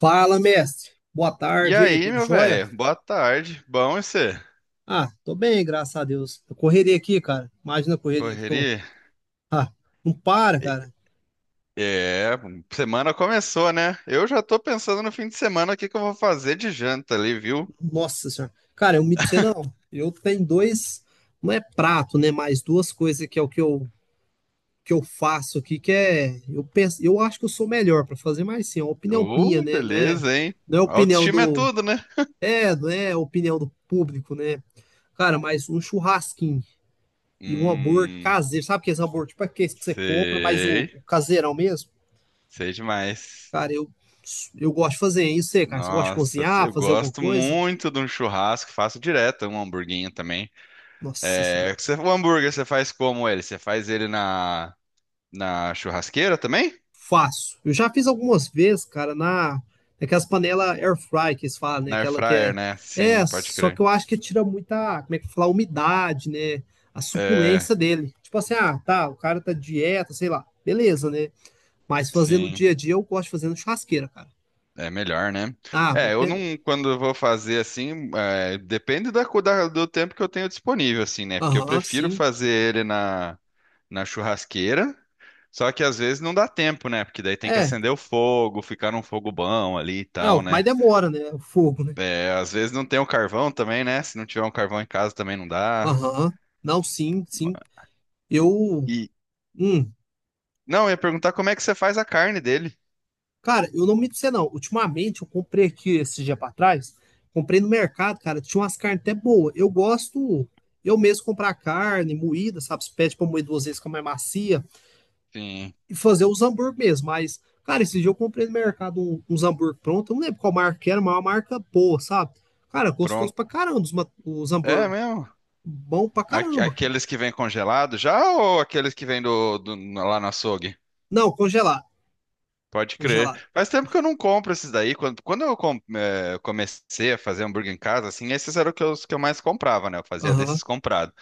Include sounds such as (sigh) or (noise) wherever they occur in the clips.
Fala, mestre. Boa E tarde, e aí, aí, tudo meu jóia? velho? Boa tarde. Bom, e você? Ah, tô bem, graças a Deus. Eu correria aqui, cara. Imagina a correria que tô. Correria? Ah, não para, E- cara. É, semana começou, né? Eu já tô pensando no fim de semana o que eu vou fazer de janta ali, viu? Nossa senhora. Cara, eu me pra você não. Eu tenho dois, não é prato, né? Mas duas coisas que é o que eu faço aqui, que é. Eu penso, eu acho que eu sou melhor pra fazer, mas sim, é uma opinião minha, Oh, né? Não é, beleza, hein? não é opinião Autoestima é do. tudo, né? É, não é opinião do público, né? Cara, mas um churrasquinho. E um hambúrguer Hum, caseiro. Sabe aqueles hambúrguer, tipo aqueles que você compra, mas o, sei, o caseirão mesmo? sei demais. Cara, eu gosto de fazer isso, aí, cara. Você gosta de Nossa, cozinhar, eu fazer alguma gosto coisa? muito de um churrasco, faço direto um hamburguinho também. Nossa É, senhora. O hambúrguer você faz como ele? Você faz ele na churrasqueira também? Faço. Eu já fiz algumas vezes, cara, naquelas panelas air fry que eles falam, né? Na air Aquela que fryer, é. né? Sim, É, pode só que crer. eu acho que tira muita, como é que fala, umidade, né? A É, suculência dele. Tipo assim, ah, tá, o cara tá dieta, sei lá. Beleza, né? Mas fazer no sim, dia a dia eu gosto de fazer no churrasqueira, cara. é melhor, né? Ah, É, muito eu não, melhor. quando eu vou fazer assim, é, depende do tempo que eu tenho disponível, assim, né? Porque eu Aham, prefiro sim. fazer ele na churrasqueira, só que às vezes não dá tempo, né? Porque daí tem que É. acender o fogo, ficar num fogo bom ali e Ah, tal, mas né? demora, né? O fogo, né? É, às vezes não tem o carvão também, né? Se não tiver um carvão em casa também não dá. Aham. Não, sim, sim. Eu. E, Hum. não, eu ia perguntar como é que você faz a carne dele. Cara, eu não me você não. Ultimamente, eu comprei aqui esse dia pra trás. Comprei no mercado, cara. Tinha umas carnes até boas. Eu gosto eu mesmo comprar carne moída, sabe? Se pede pra moer duas vezes, fica mais macia. Sim, E fazer os hambúrguer mesmo. Mas, cara, esse dia eu comprei no mercado uns hambúrguer pronto. Eu não lembro qual marca que era, mas é uma marca boa, sabe? Cara, gostoso pronto. pra caramba os É hambúrguer. mesmo? Bom pra caramba, cara. Aqueles que vêm congelados já ou aqueles que vêm do lá no açougue? Não, congelar, Pode crer. congelar. Faz tempo que eu não compro esses daí. Quando comecei a fazer hambúrguer em casa, assim, esses eram os que os que eu mais comprava, né? Eu fazia Aham. desses comprados.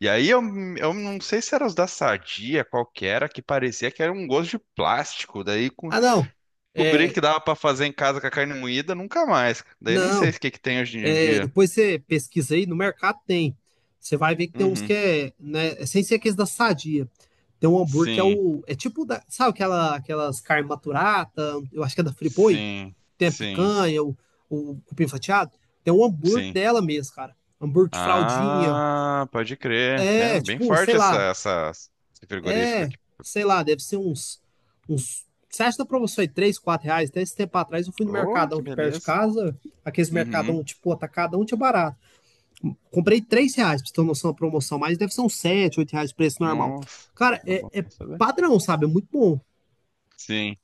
E aí eu, eu não sei se eram os da Sadia, qual que era, que parecia que era um gosto de plástico. Ah, não. Descobri É, que dava pra fazer em casa com a carne moída, nunca mais. Daí nem sei não. o que que tem hoje em É, dia. depois você pesquisa aí, no mercado tem. Você vai ver que tem uns que Uhum. é, né, é sem ser aqueles da Sadia. Tem um hambúrguer que é Sim, o, é tipo da, sabe aquela, aquelas carne maturata, eu acho que é da Friboi, sim, tem a sim, picanha, o cupim fatiado. Tem um hambúrguer sim. dela mesmo, cara. Hambúrguer de fraldinha. Ah, pode crer. É, Tem bem tipo, forte esse frigorífico É, aqui. sei lá, deve ser uns. Você acha que na promoção é 3, R$ 4? Até esse tempo atrás eu fui no Oh, que Mercadão que perto de beleza. casa, aqueles Mercadão Uhum. tipo atacadão tinha barato. Comprei R$ 3, pra você ter uma noção da promoção, mas deve ser uns 7 8 reais o preço normal. Nossa, Cara, tá é, bom é saber. padrão, sabe? É muito bom. Sim.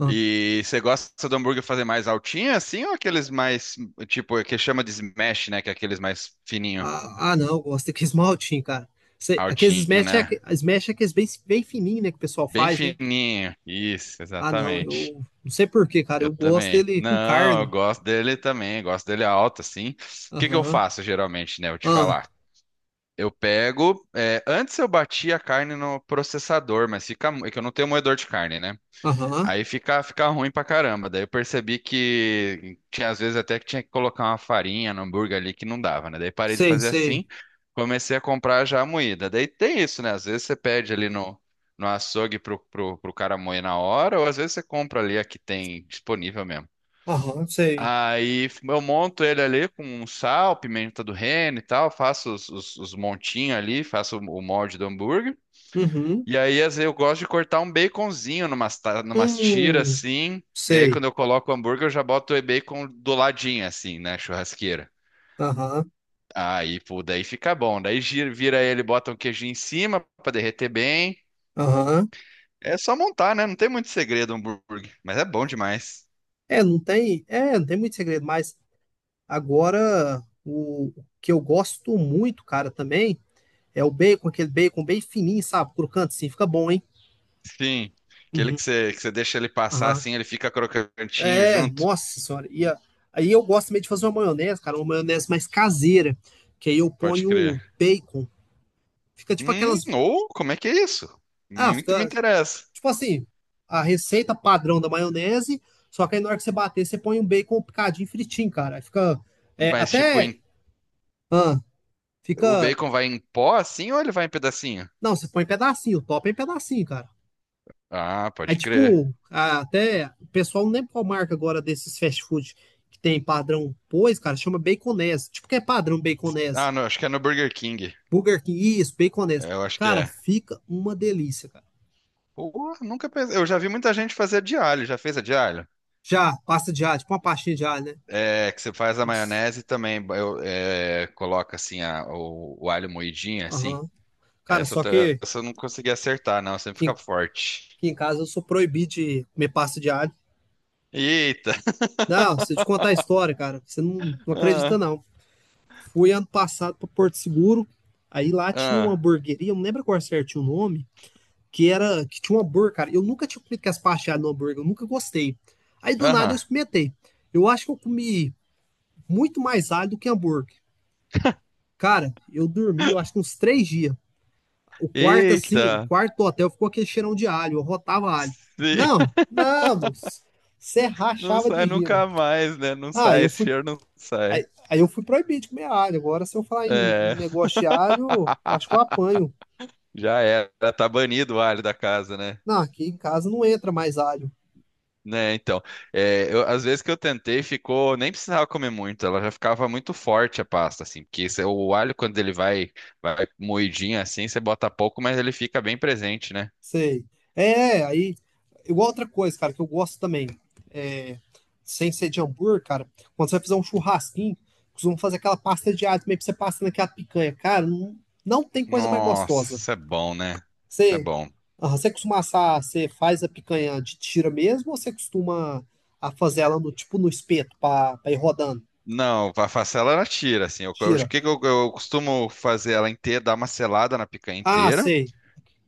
Ah, E você gosta do hambúrguer fazer mais altinho assim ou aqueles mais, tipo, que chama de smash, né? Que é aqueles mais fininho, ah, não, eu gosto daqueles maltinhos, cara. Aqueles altinho, smash é, né? Smash é aqueles bem, bem fininhos, né, que o pessoal Bem faz, né? fininho. Isso, Ah, não, eu exatamente. não sei por quê, cara. Eu Eu gosto também. dele com Não, eu carne. gosto dele também, gosto dele alto, assim. O que que eu Aham, faço geralmente, né? Vou te ah, falar. Eu pego. É, antes eu batia a carne no processador, mas fica. É que eu não tenho moedor de carne, né? aham. Aí fica ruim pra caramba. Daí eu percebi que tinha às vezes até que tinha que colocar uma farinha no hambúrguer ali que não dava, né? Daí parei de Sei, fazer sei. assim, comecei a comprar já a moída. Daí tem isso, né? Às vezes você pede ali no açougue pro cara moer na hora, ou às vezes você compra ali a que tem disponível mesmo. Aham, sei. Aí eu monto ele ali com um sal, pimenta do reino e tal, faço os montinhos ali, faço o molde do hambúrguer. Uhum. E aí às vezes, eu gosto de cortar um baconzinho numas tiras Hum, assim. E aí sei. quando eu coloco o hambúrguer, eu já boto o bacon do ladinho assim, na churrasqueira. Aham, Aí, pô, daí fica bom. Daí vira ele, bota um queijinho em cima pra derreter bem. aham. É só montar, né? Não tem muito segredo o hambúrguer, mas é bom demais. É, não tem muito segredo, mas agora o que eu gosto muito, cara, também é o bacon, aquele bacon bem fininho, sabe? Crocante, sim, fica bom, hein? Sim, aquele Uhum, que que você deixa ele passar aham. assim, ele fica crocantinho É, junto. nossa senhora. E aí eu gosto também de fazer uma maionese, cara, uma maionese mais caseira, que aí eu Pode ponho crer. bacon. Fica tipo aquelas, Ou como é que é isso? Muito me fica. interessa. Tipo assim, a receita padrão da maionese, só que aí na hora que você bater, você põe um bacon picadinho fritinho, cara. Aí fica é, Mas, tipo, até. Ah, o Fica. bacon vai em pó assim ou ele vai em pedacinho? Não, você põe em pedacinho, top é em pedacinho, cara. Ah, Aí, pode crer. tipo, até. O pessoal não lembra qual marca agora desses fast food que tem padrão pois, cara, chama baconese. Tipo, que é padrão baconese. Ah, não, acho que é no Burger King. Burger King, isso, baconese. É, eu acho que Cara, é. fica uma delícia, cara. Pô, nunca pensei. Eu já vi muita gente fazer de alho. Já fez a de alho? Já, pasta de alho, tipo uma pastinha de alho, né? É, que você faz a Nossa. maionese também. É, coloca assim o alho moidinho, assim. Aham. Cara, Essa, eu só tô- que. Essa eu não consegui acertar, não. Sempre Aqui fica forte. que em casa eu sou proibido de comer pasta de alho. Eita! Não, se eu te contar a história, cara, você não, (laughs) não Ah, acredita, não. Fui ano passado para Porto Seguro, aí lá tinha uma ah, hamburgueria, eu não lembro qual certinho o nome, que era que tinha um hambúrguer, cara. Eu nunca tinha comido com as pastas de alho no hambúrguer, eu nunca gostei. Aí do nada eu aham. experimentei. Eu acho que eu comi muito mais alho do que hambúrguer. Cara, eu dormi, eu acho que uns 3 dias. O quarto, assim, o Eita! quarto do hotel ficou aquele cheirão de alho, eu rotava alho. Sim, Não, (laughs) não, você não rachava de sai rima. nunca mais, né? Não Ah, sai, eu esse fui. cheiro não sai. Aí eu fui proibido de comer alho. Agora, se eu falar em É, negócio de alho, eu acho que eu apanho. já era, tá banido o alho da casa, né? Não, aqui em casa não entra mais alho. Né, então, é, às vezes que eu tentei, ficou, nem precisava comer muito, ela já ficava muito forte a pasta, assim, porque o alho quando ele vai, vai moidinho assim, você bota pouco, mas ele fica bem presente, né? Sei. É, aí. Igual outra coisa, cara, que eu gosto também. É, sem ser de hambúrguer, cara, quando você vai fazer um churrasquinho, costumam fazer aquela pasta de alho também pra você passar naquela picanha. Cara, não, não tem coisa mais Nossa, gostosa. isso é bom, né? É Você, bom. você costuma assar, você faz a picanha de tira mesmo ou você costuma a fazer ela no, tipo no espeto pra ir rodando? Não, a facela ela tira, assim, o Tira. que que eu costumo fazer ela inteira, dar uma selada na picanha Ah, inteira. sei.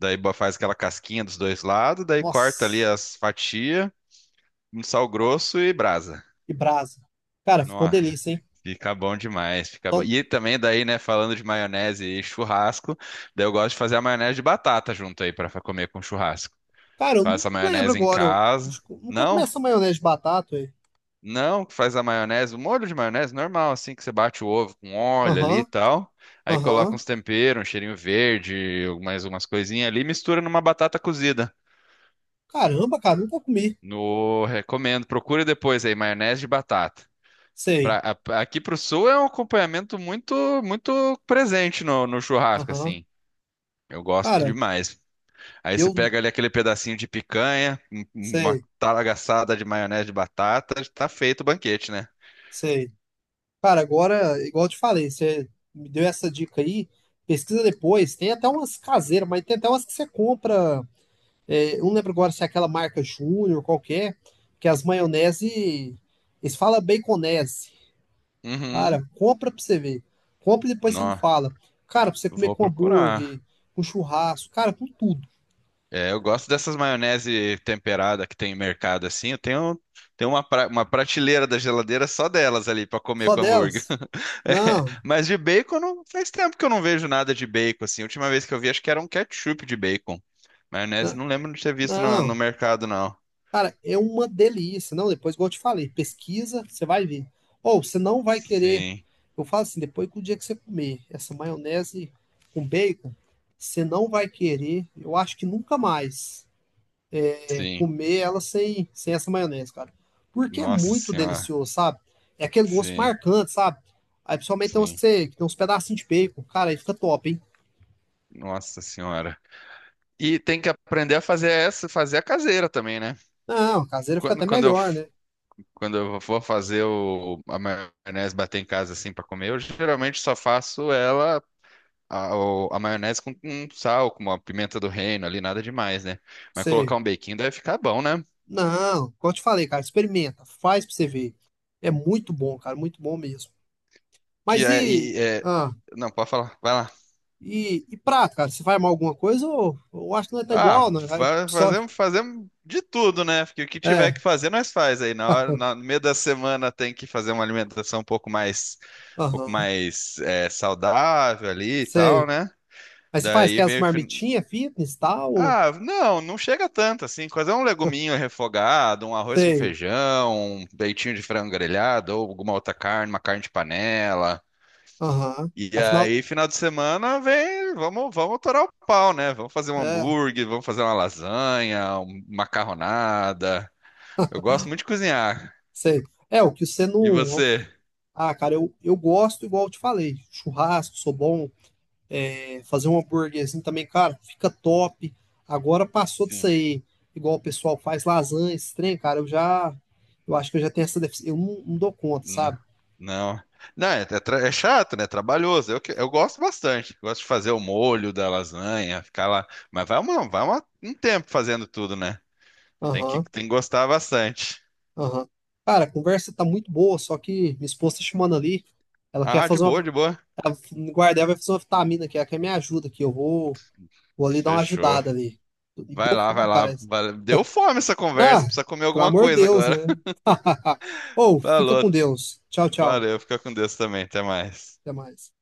Daí faz aquela casquinha dos dois lados, daí corta ali Nossa, as fatias, um sal grosso e brasa. que brasa. Cara, ficou Nossa, delícia, hein? fica bom demais, fica bom. Só- E também daí, né, falando de maionese e churrasco, daí eu gosto de fazer a maionese de batata junto aí para comer com churrasco. Cara, eu não Faço a lembro maionese em agora. Eu acho casa. que eu nunca comi Não? essa maionese de batata, hein? Não, faz a maionese, o molho de maionese normal, assim, que você bate o ovo com óleo ali e Aham, tal. Aí coloca aham. uns temperos, um cheirinho verde, mais umas coisinhas ali, mistura numa batata cozida. Caramba, cara, nunca comi. No, recomendo, procura depois aí, maionese de batata. Pra, Sei. Aqui pro sul é um acompanhamento muito muito presente no churrasco, Aham. assim. Eu gosto muito Cara, demais. Aí você eu pega ali aquele pedacinho de picanha, uma sei, talagaçada de maionese de batata, tá feito o banquete, né? sei. Cara, agora, igual eu te falei, você me deu essa dica aí. Pesquisa depois. Tem até umas caseiras, mas tem até umas que você compra. É, eu não lembro agora se é aquela marca Júnior, qualquer, que as maionese. Eles falam baconese. Uhum. Cara, compra pra você ver. Compra e depois você me Nó, fala. Cara, pra você comer vou com hambúrguer, procurar. com churrasco, cara, com tudo. É, eu gosto dessas maionese temperada que tem em mercado assim. Tenho uma, uma prateleira da geladeira só delas ali para comer Só com hambúrguer. delas? (laughs) É, Não, mas de bacon não, faz tempo que eu não vejo nada de bacon assim. A última vez que eu vi acho que era um ketchup de bacon. Maionese não, não lembro de ter visto no não. mercado não. Cara, é uma delícia. Não, depois, igual eu te falei, pesquisa, você vai ver. Ou você não vai querer. Sim, Eu falo assim, depois que o dia que você comer essa maionese com bacon, você não vai querer, eu acho que nunca mais. É sim. comer ela sem essa maionese, cara. Porque é Nossa muito senhora. delicioso, sabe? É aquele gosto Sim, marcante, sabe? Aí principalmente tem uns, sim. Que tem uns pedacinhos de bacon. Cara, aí fica top, hein? Nossa senhora. E tem que aprender a fazer essa, fazer a caseira também, né? Não, caseira fica Quando, até quando eu melhor, né? Quando eu vou fazer a maionese bater em casa assim para comer, eu geralmente só faço ela, a maionese com sal, com uma pimenta do reino ali, nada demais, né? Mas colocar Sei. um bequinho deve ficar bom, né? Não, como eu te falei, cara, experimenta. Faz pra você ver. É muito bom, cara, muito bom mesmo. Que Mas é, e. e é- Ah, Não, pode falar, vai lá. e prato, cara? Você vai armar alguma coisa ou eu acho que não é tá Ah, igual, né? Vai só. fazemos, fazemos de tudo, né? Porque o que É, tiver que fazer, nós faz aí. Na hora, (laughs) no meio da semana tem que fazer uma alimentação um pouco aham, mais é, saudável ali e sei. tal, né? Mas você faz Daí aquelas vem o fin- marmitinhas fitness e tal? Ah, não, não chega tanto assim. Quase é um leguminho refogado, um arroz com Sei. feijão, um peitinho de frango grelhado ou alguma outra carne, uma carne de panela. Aham. E Afinal, aí, final de semana, vem, vamos torar o pau, né? Vamos fazer um é, hambúrguer, vamos fazer uma lasanha, uma macarronada. Eu gosto muito de cozinhar. sei. É, o que você E não. você? Ah, cara, eu gosto, igual eu te falei. Churrasco, sou bom. É, fazer um hambúrguerzinho também, cara, fica top. Agora passou disso aí. Igual o pessoal faz lasanha, esse trem, cara, eu já. Eu acho que eu já tenho essa deficiência. Eu não dou conta, N- sabe? Não. Não, é, é chato, né? É trabalhoso. Eu gosto bastante. Gosto de fazer o molho da lasanha, ficar lá. Mas vai, uma, vai um tempo fazendo tudo, né? Aham, Tem que gostar bastante. aham. Cara, a conversa tá muito boa, só que minha esposa tá chamando ali. Ela quer Ah, de fazer boa, uma. de boa. A guarda, ela vai fazer uma vitamina aqui, ela quer me ajuda aqui. Eu vou. Vou ali dar uma Fechou. ajudada ali. E Vai deu lá, vai fome, lá. parece. Deu fome essa Ah, conversa. Precisa comer pelo alguma amor de coisa Deus, agora. né? (laughs) (laughs) Ou, fica Falou. com Deus. Tchau, tchau. Valeu. Fica com Deus também. Até mais. Até mais.